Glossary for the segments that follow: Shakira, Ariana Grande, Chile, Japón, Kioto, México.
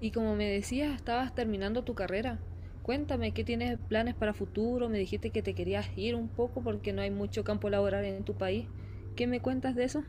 Y como me decías, estabas terminando tu carrera. Cuéntame, ¿qué tienes planes para futuro? Me dijiste que te querías ir un poco porque no hay mucho campo laboral en tu país. ¿Qué me cuentas de eso?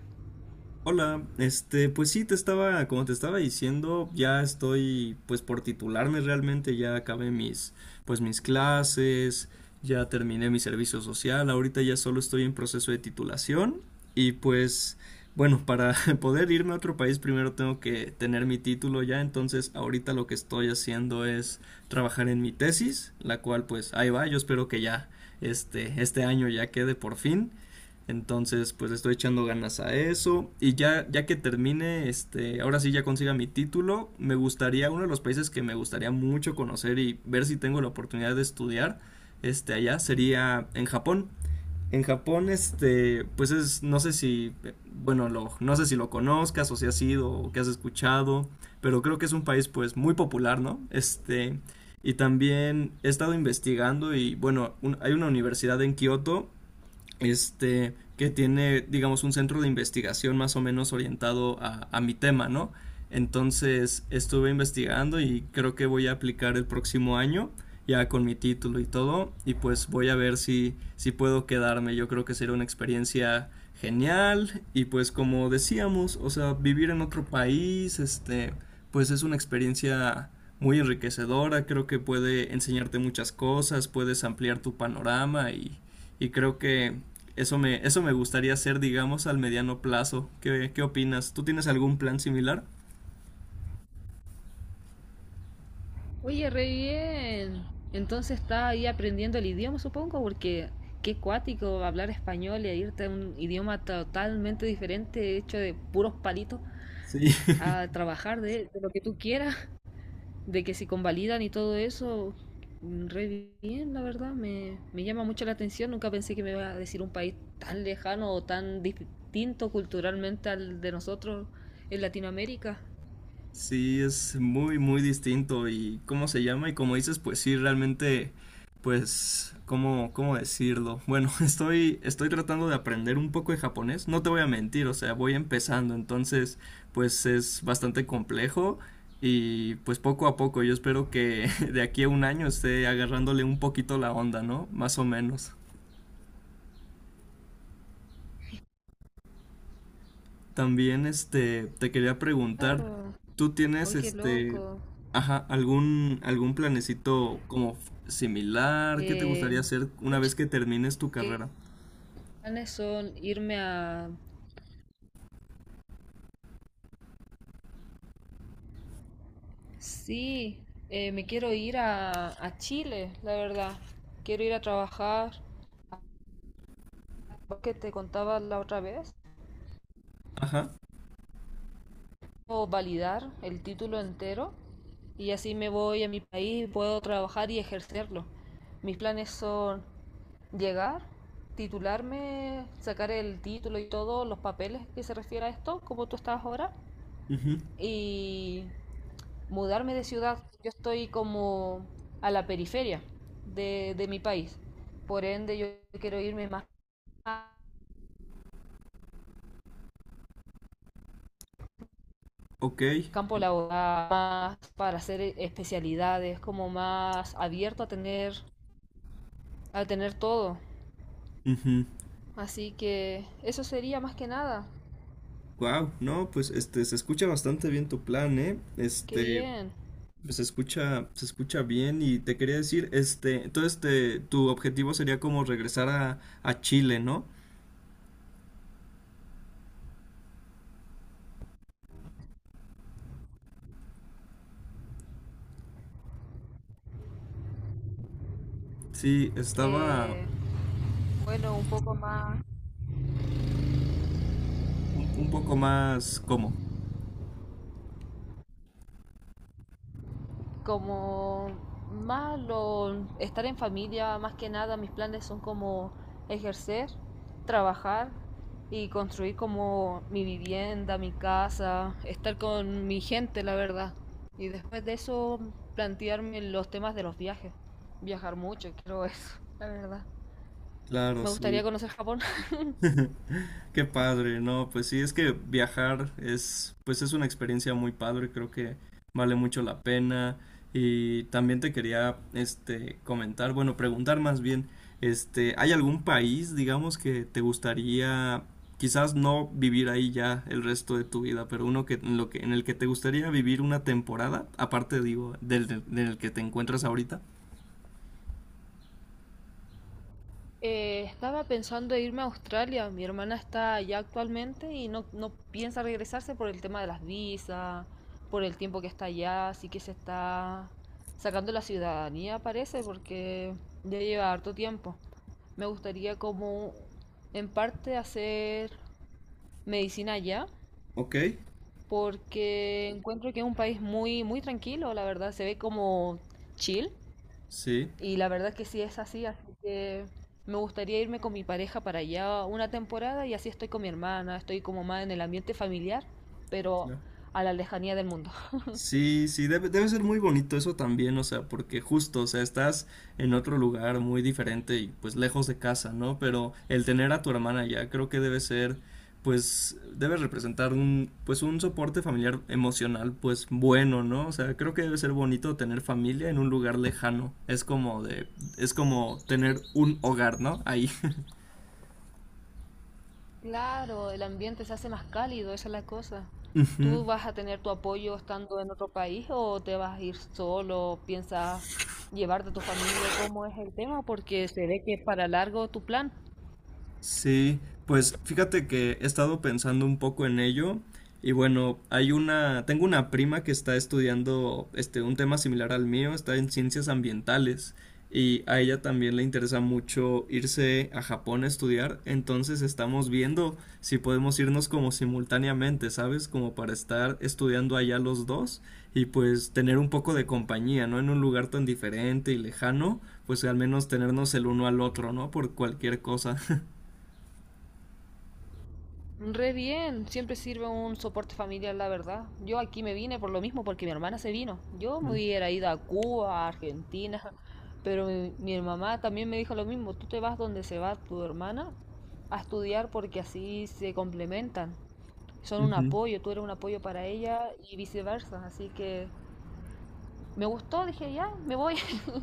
Hola, pues sí, como te estaba diciendo, ya estoy, pues por titularme realmente, ya acabé mis clases, ya terminé mi servicio social, ahorita ya solo estoy en proceso de titulación y pues, bueno, para poder irme a otro país primero tengo que tener mi título ya, entonces ahorita lo que estoy haciendo es trabajar en mi tesis, la cual pues ahí va, yo espero que ya, este año ya quede por fin. Entonces, pues le estoy echando ganas a eso. Y ya que termine, ahora sí ya consiga mi título, me gustaría, uno de los países que me gustaría mucho conocer y ver si tengo la oportunidad de estudiar, allá sería en Japón. En Japón, pues es, no sé si, bueno, lo, no sé si lo conozcas o si has ido o que has escuchado, pero creo que es un país, pues, muy popular, ¿no? Y también he estado investigando y, bueno, hay una universidad en Kioto, que tiene, digamos, un centro de investigación más o menos orientado a mi tema, ¿no? Entonces estuve investigando y creo que voy a aplicar el próximo año, ya con mi título y todo, y pues voy a ver si puedo quedarme. Yo creo que será una experiencia genial y pues como decíamos, o sea, vivir en otro país, pues es una experiencia muy enriquecedora, creo que puede enseñarte muchas cosas, puedes ampliar tu panorama y creo que eso me gustaría hacer, digamos, al mediano plazo. ¿Qué opinas? ¿Tú tienes algún plan similar? Oye, re bien. Entonces estás ahí aprendiendo el idioma, supongo, porque qué cuático hablar español y irte a un idioma totalmente diferente, hecho de puros palitos, Sí. a trabajar de lo que tú quieras. De que se convalidan y todo eso, re bien, la verdad, me llama mucho la atención. Nunca pensé que me iba a decir un país tan lejano o tan distinto culturalmente al de nosotros en Latinoamérica. Sí, es muy, muy distinto. ¿Y cómo se llama? Y como dices, pues sí, realmente, pues, ¿cómo decirlo? Bueno, estoy tratando de aprender un poco de japonés. No te voy a mentir, o sea, voy empezando. Entonces, pues es bastante complejo. Y pues poco a poco, yo espero que de aquí a un año esté agarrándole un poquito la onda, ¿no? Más o menos. También, te quería preguntar, Claro, ¿tú tienes, hoy qué loco. ajá, algún planecito como similar? ¿Qué te Eh, gustaría hacer una vez que termines tu que carrera? planes son irme a. Sí, me quiero ir a Chile, la verdad. Quiero ir a trabajar que te contaba la otra vez. Ajá, O validar el título entero y así me voy a mi país, puedo trabajar y ejercerlo. Mis planes son llegar, titularme, sacar el título y todos los papeles que se refiere a esto, como tú estás ahora, ujú, y mudarme de ciudad. Yo estoy como a la periferia de mi país, por ende yo quiero irme más a ok, campo laboral, más para hacer especialidades, como más abierto a tener todo. Así que eso sería más que nada. wow, no, pues, se escucha bastante bien tu plan, ¿eh? Qué bien. Pues, se escucha bien y te quería decir, entonces, te tu objetivo sería como regresar a Chile, ¿no? Sí, estaba Eh, bueno, un poco más un poco más, ¿cómo? como más estar en familia, más que nada mis planes son como ejercer, trabajar y construir como mi vivienda, mi casa, estar con mi gente, la verdad. Y después de eso plantearme los temas de los viajes. Viajar mucho, creo eso, la verdad. Claro, Me gustaría sí. conocer Japón. Qué padre, ¿no? Pues sí, es que viajar es, pues es una experiencia muy padre, creo que vale mucho la pena. Y también te quería, comentar, bueno, preguntar más bien, ¿hay algún país, digamos, que te gustaría, quizás no vivir ahí ya el resto de tu vida, pero uno que, en el que te gustaría vivir una temporada, aparte, digo, del que te encuentras ahorita? Estaba pensando en irme a Australia. Mi hermana está allá actualmente y no piensa regresarse por el tema de las visas, por el tiempo que está allá, así que se está sacando la ciudadanía, parece, porque ya lleva harto tiempo. Me gustaría como en parte hacer medicina allá, Ok, porque encuentro que es un país muy, muy tranquilo, la verdad, se ve como chill sí. y la verdad que sí es así, así que me gustaría irme con mi pareja para allá una temporada y así estoy con mi hermana, estoy como más en el ambiente familiar, pero Claro. a la lejanía del mundo. Sí, sí, debe ser muy bonito eso también, o sea, porque justo, o sea, estás en otro lugar muy diferente y pues lejos de casa, ¿no? Pero el tener a tu hermana ya creo que debe ser, pues, debe representar un, pues, un soporte familiar emocional, pues, bueno, ¿no? O sea, creo que debe ser bonito tener familia en un lugar lejano. Es como tener un hogar, ¿no? Ahí. Claro, el ambiente se hace más cálido, esa es la cosa. Ujú. ¿Tú vas a tener tu apoyo estando en otro país o te vas a ir solo? ¿Piensas llevarte a tu familia? ¿Cómo es el tema? Porque se ve que es para largo tu plan. Sí, pues fíjate que he estado pensando un poco en ello y bueno, tengo una prima que está estudiando un tema similar al mío, está en ciencias ambientales y a ella también le interesa mucho irse a Japón a estudiar, entonces estamos viendo si podemos irnos como simultáneamente, ¿sabes? Como para estar estudiando allá los dos y pues tener un poco de compañía, ¿no? En un lugar tan diferente y lejano, pues al menos tenernos el uno al otro, ¿no? Por cualquier cosa. Re bien, siempre sirve un soporte familiar, la verdad. Yo aquí me vine por lo mismo, porque mi hermana se vino. Yo me hubiera ido a Cuba, a Argentina, pero mi mamá también me dijo lo mismo. Tú te vas donde se va tu hermana a estudiar porque así se complementan. Son un apoyo, tú eres un apoyo para ella y viceversa. Así que me gustó, dije, ya, me voy.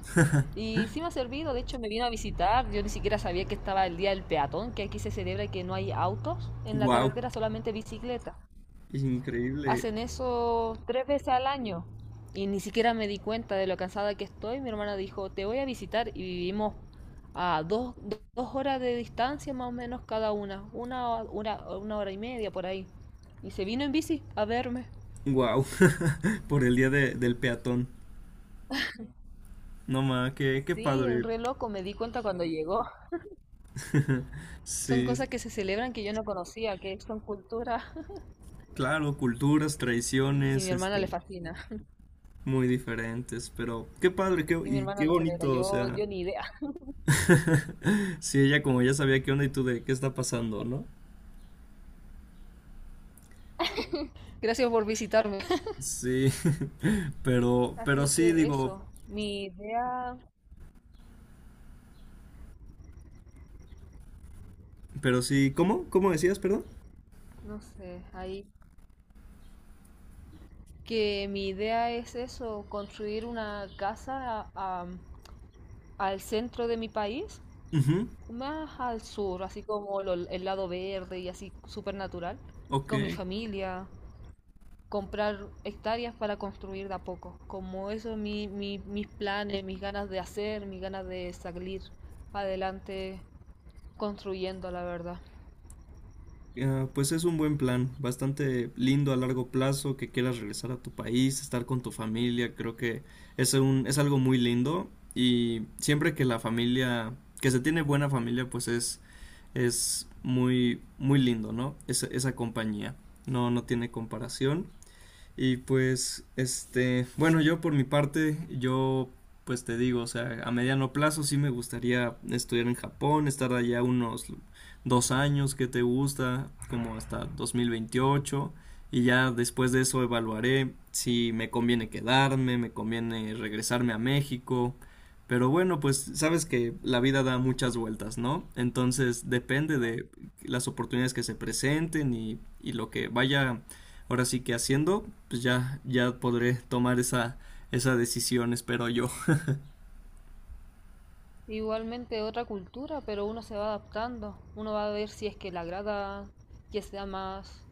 Y sí me ha servido, de hecho me vino a visitar, yo ni siquiera sabía que estaba el día del peatón, que aquí se celebra y que no hay autos en la Wow, carretera, solamente bicicleta. es increíble. Hacen eso tres veces al año y ni siquiera me di cuenta de lo cansada que estoy. Mi hermana dijo, te voy a visitar y vivimos a dos horas de distancia más o menos cada una, hora y media por ahí. Y se vino en bici a verme. Wow, por el día del peatón. No más, qué, Sí, el padre. reloj me di cuenta cuando llegó. Son Sí, cosas que se celebran que yo no conocía, que son cultura claro, culturas, y mi tradiciones, hermana le fascina muy diferentes, pero qué padre, qué, y mi y hermana qué lo celebra. bonito, o Yo, sea. yo ni idea. Sí, ella como ya sabía qué onda y tú de qué está pasando, ¿no? Gracias por visitarme. Sí, pero Así sí, que digo, eso, mi idea, pero sí, ¿cómo? ¿Cómo decías, perdón? no sé, ahí que mi idea es eso, construir una casa a- al centro de mi país, Ujú. más al sur, así como el lado verde y así súper natural, Ok. con mi familia, comprar hectáreas para construir de a poco. Como eso es mis planes, mis ganas de hacer, mis ganas de salir adelante construyendo, la verdad. Ah, pues es un buen plan, bastante lindo a largo plazo, que quieras regresar a tu país, estar con tu familia, creo que es algo muy lindo y siempre que la familia, que se tiene buena familia, pues es muy, muy lindo, ¿no? Esa compañía, no, no tiene comparación. Y pues, bueno, yo por mi parte, yo pues te digo, o sea, a mediano plazo sí me gustaría estudiar en Japón, estar allá unos dos años que te gusta, como hasta 2028, y ya después de eso evaluaré si me conviene quedarme, me conviene regresarme a México, pero bueno, pues sabes que la vida da muchas vueltas, ¿no? Entonces depende de las oportunidades que se presenten y lo que vaya ahora sí que haciendo pues ya podré tomar esa decisión, espero yo. Igualmente otra cultura, pero uno se va adaptando, uno va a ver si es que le agrada que sea más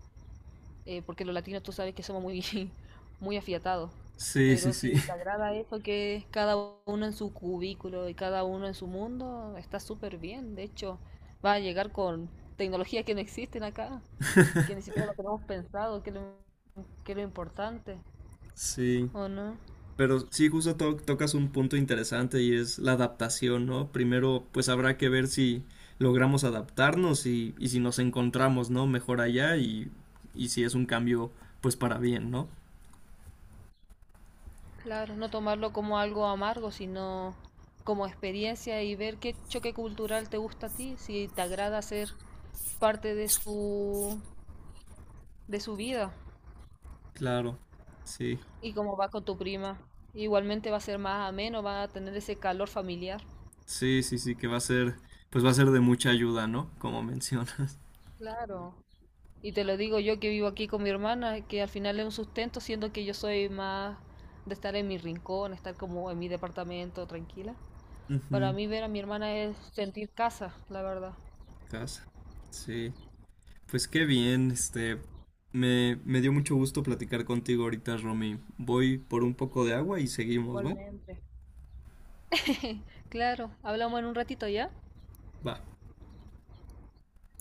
porque los latinos tú sabes que somos muy, muy afiatados. Sí, sí, Pero sí, si te agrada eso, que es cada uno en su cubículo y cada uno en su mundo, está súper bien. De hecho, va a llegar con tecnologías que no existen acá, que ni siquiera lo tenemos pensado, que es lo importante, sí. ¿o no? Pero sí, justo tocas un punto interesante y es la adaptación, ¿no? Primero, pues habrá que ver si logramos adaptarnos y si nos encontramos, ¿no? Mejor allá y si es un cambio, pues para bien, ¿no? Claro, no tomarlo como algo amargo, sino como experiencia y ver qué choque cultural te gusta a ti, si te agrada ser parte de su vida. Claro, sí, Y como va con tu prima. Igualmente va a ser más ameno, va a tener ese calor familiar. sí, sí, sí, que va a ser, pues va a ser de mucha ayuda, ¿no? Como mencionas. Claro. Y te lo digo yo que vivo aquí con mi hermana, que al final es un sustento, siendo que yo soy más de estar en mi rincón, estar como en mi departamento tranquila. Para Ujú. mí ver a mi hermana es sentir casa, la verdad. Casa, sí. Pues qué bien, me dio mucho gusto platicar contigo ahorita, Romy. Voy por un poco de agua y seguimos, ¿va? Igualmente. Claro, hablamos en un ratito ya. Va.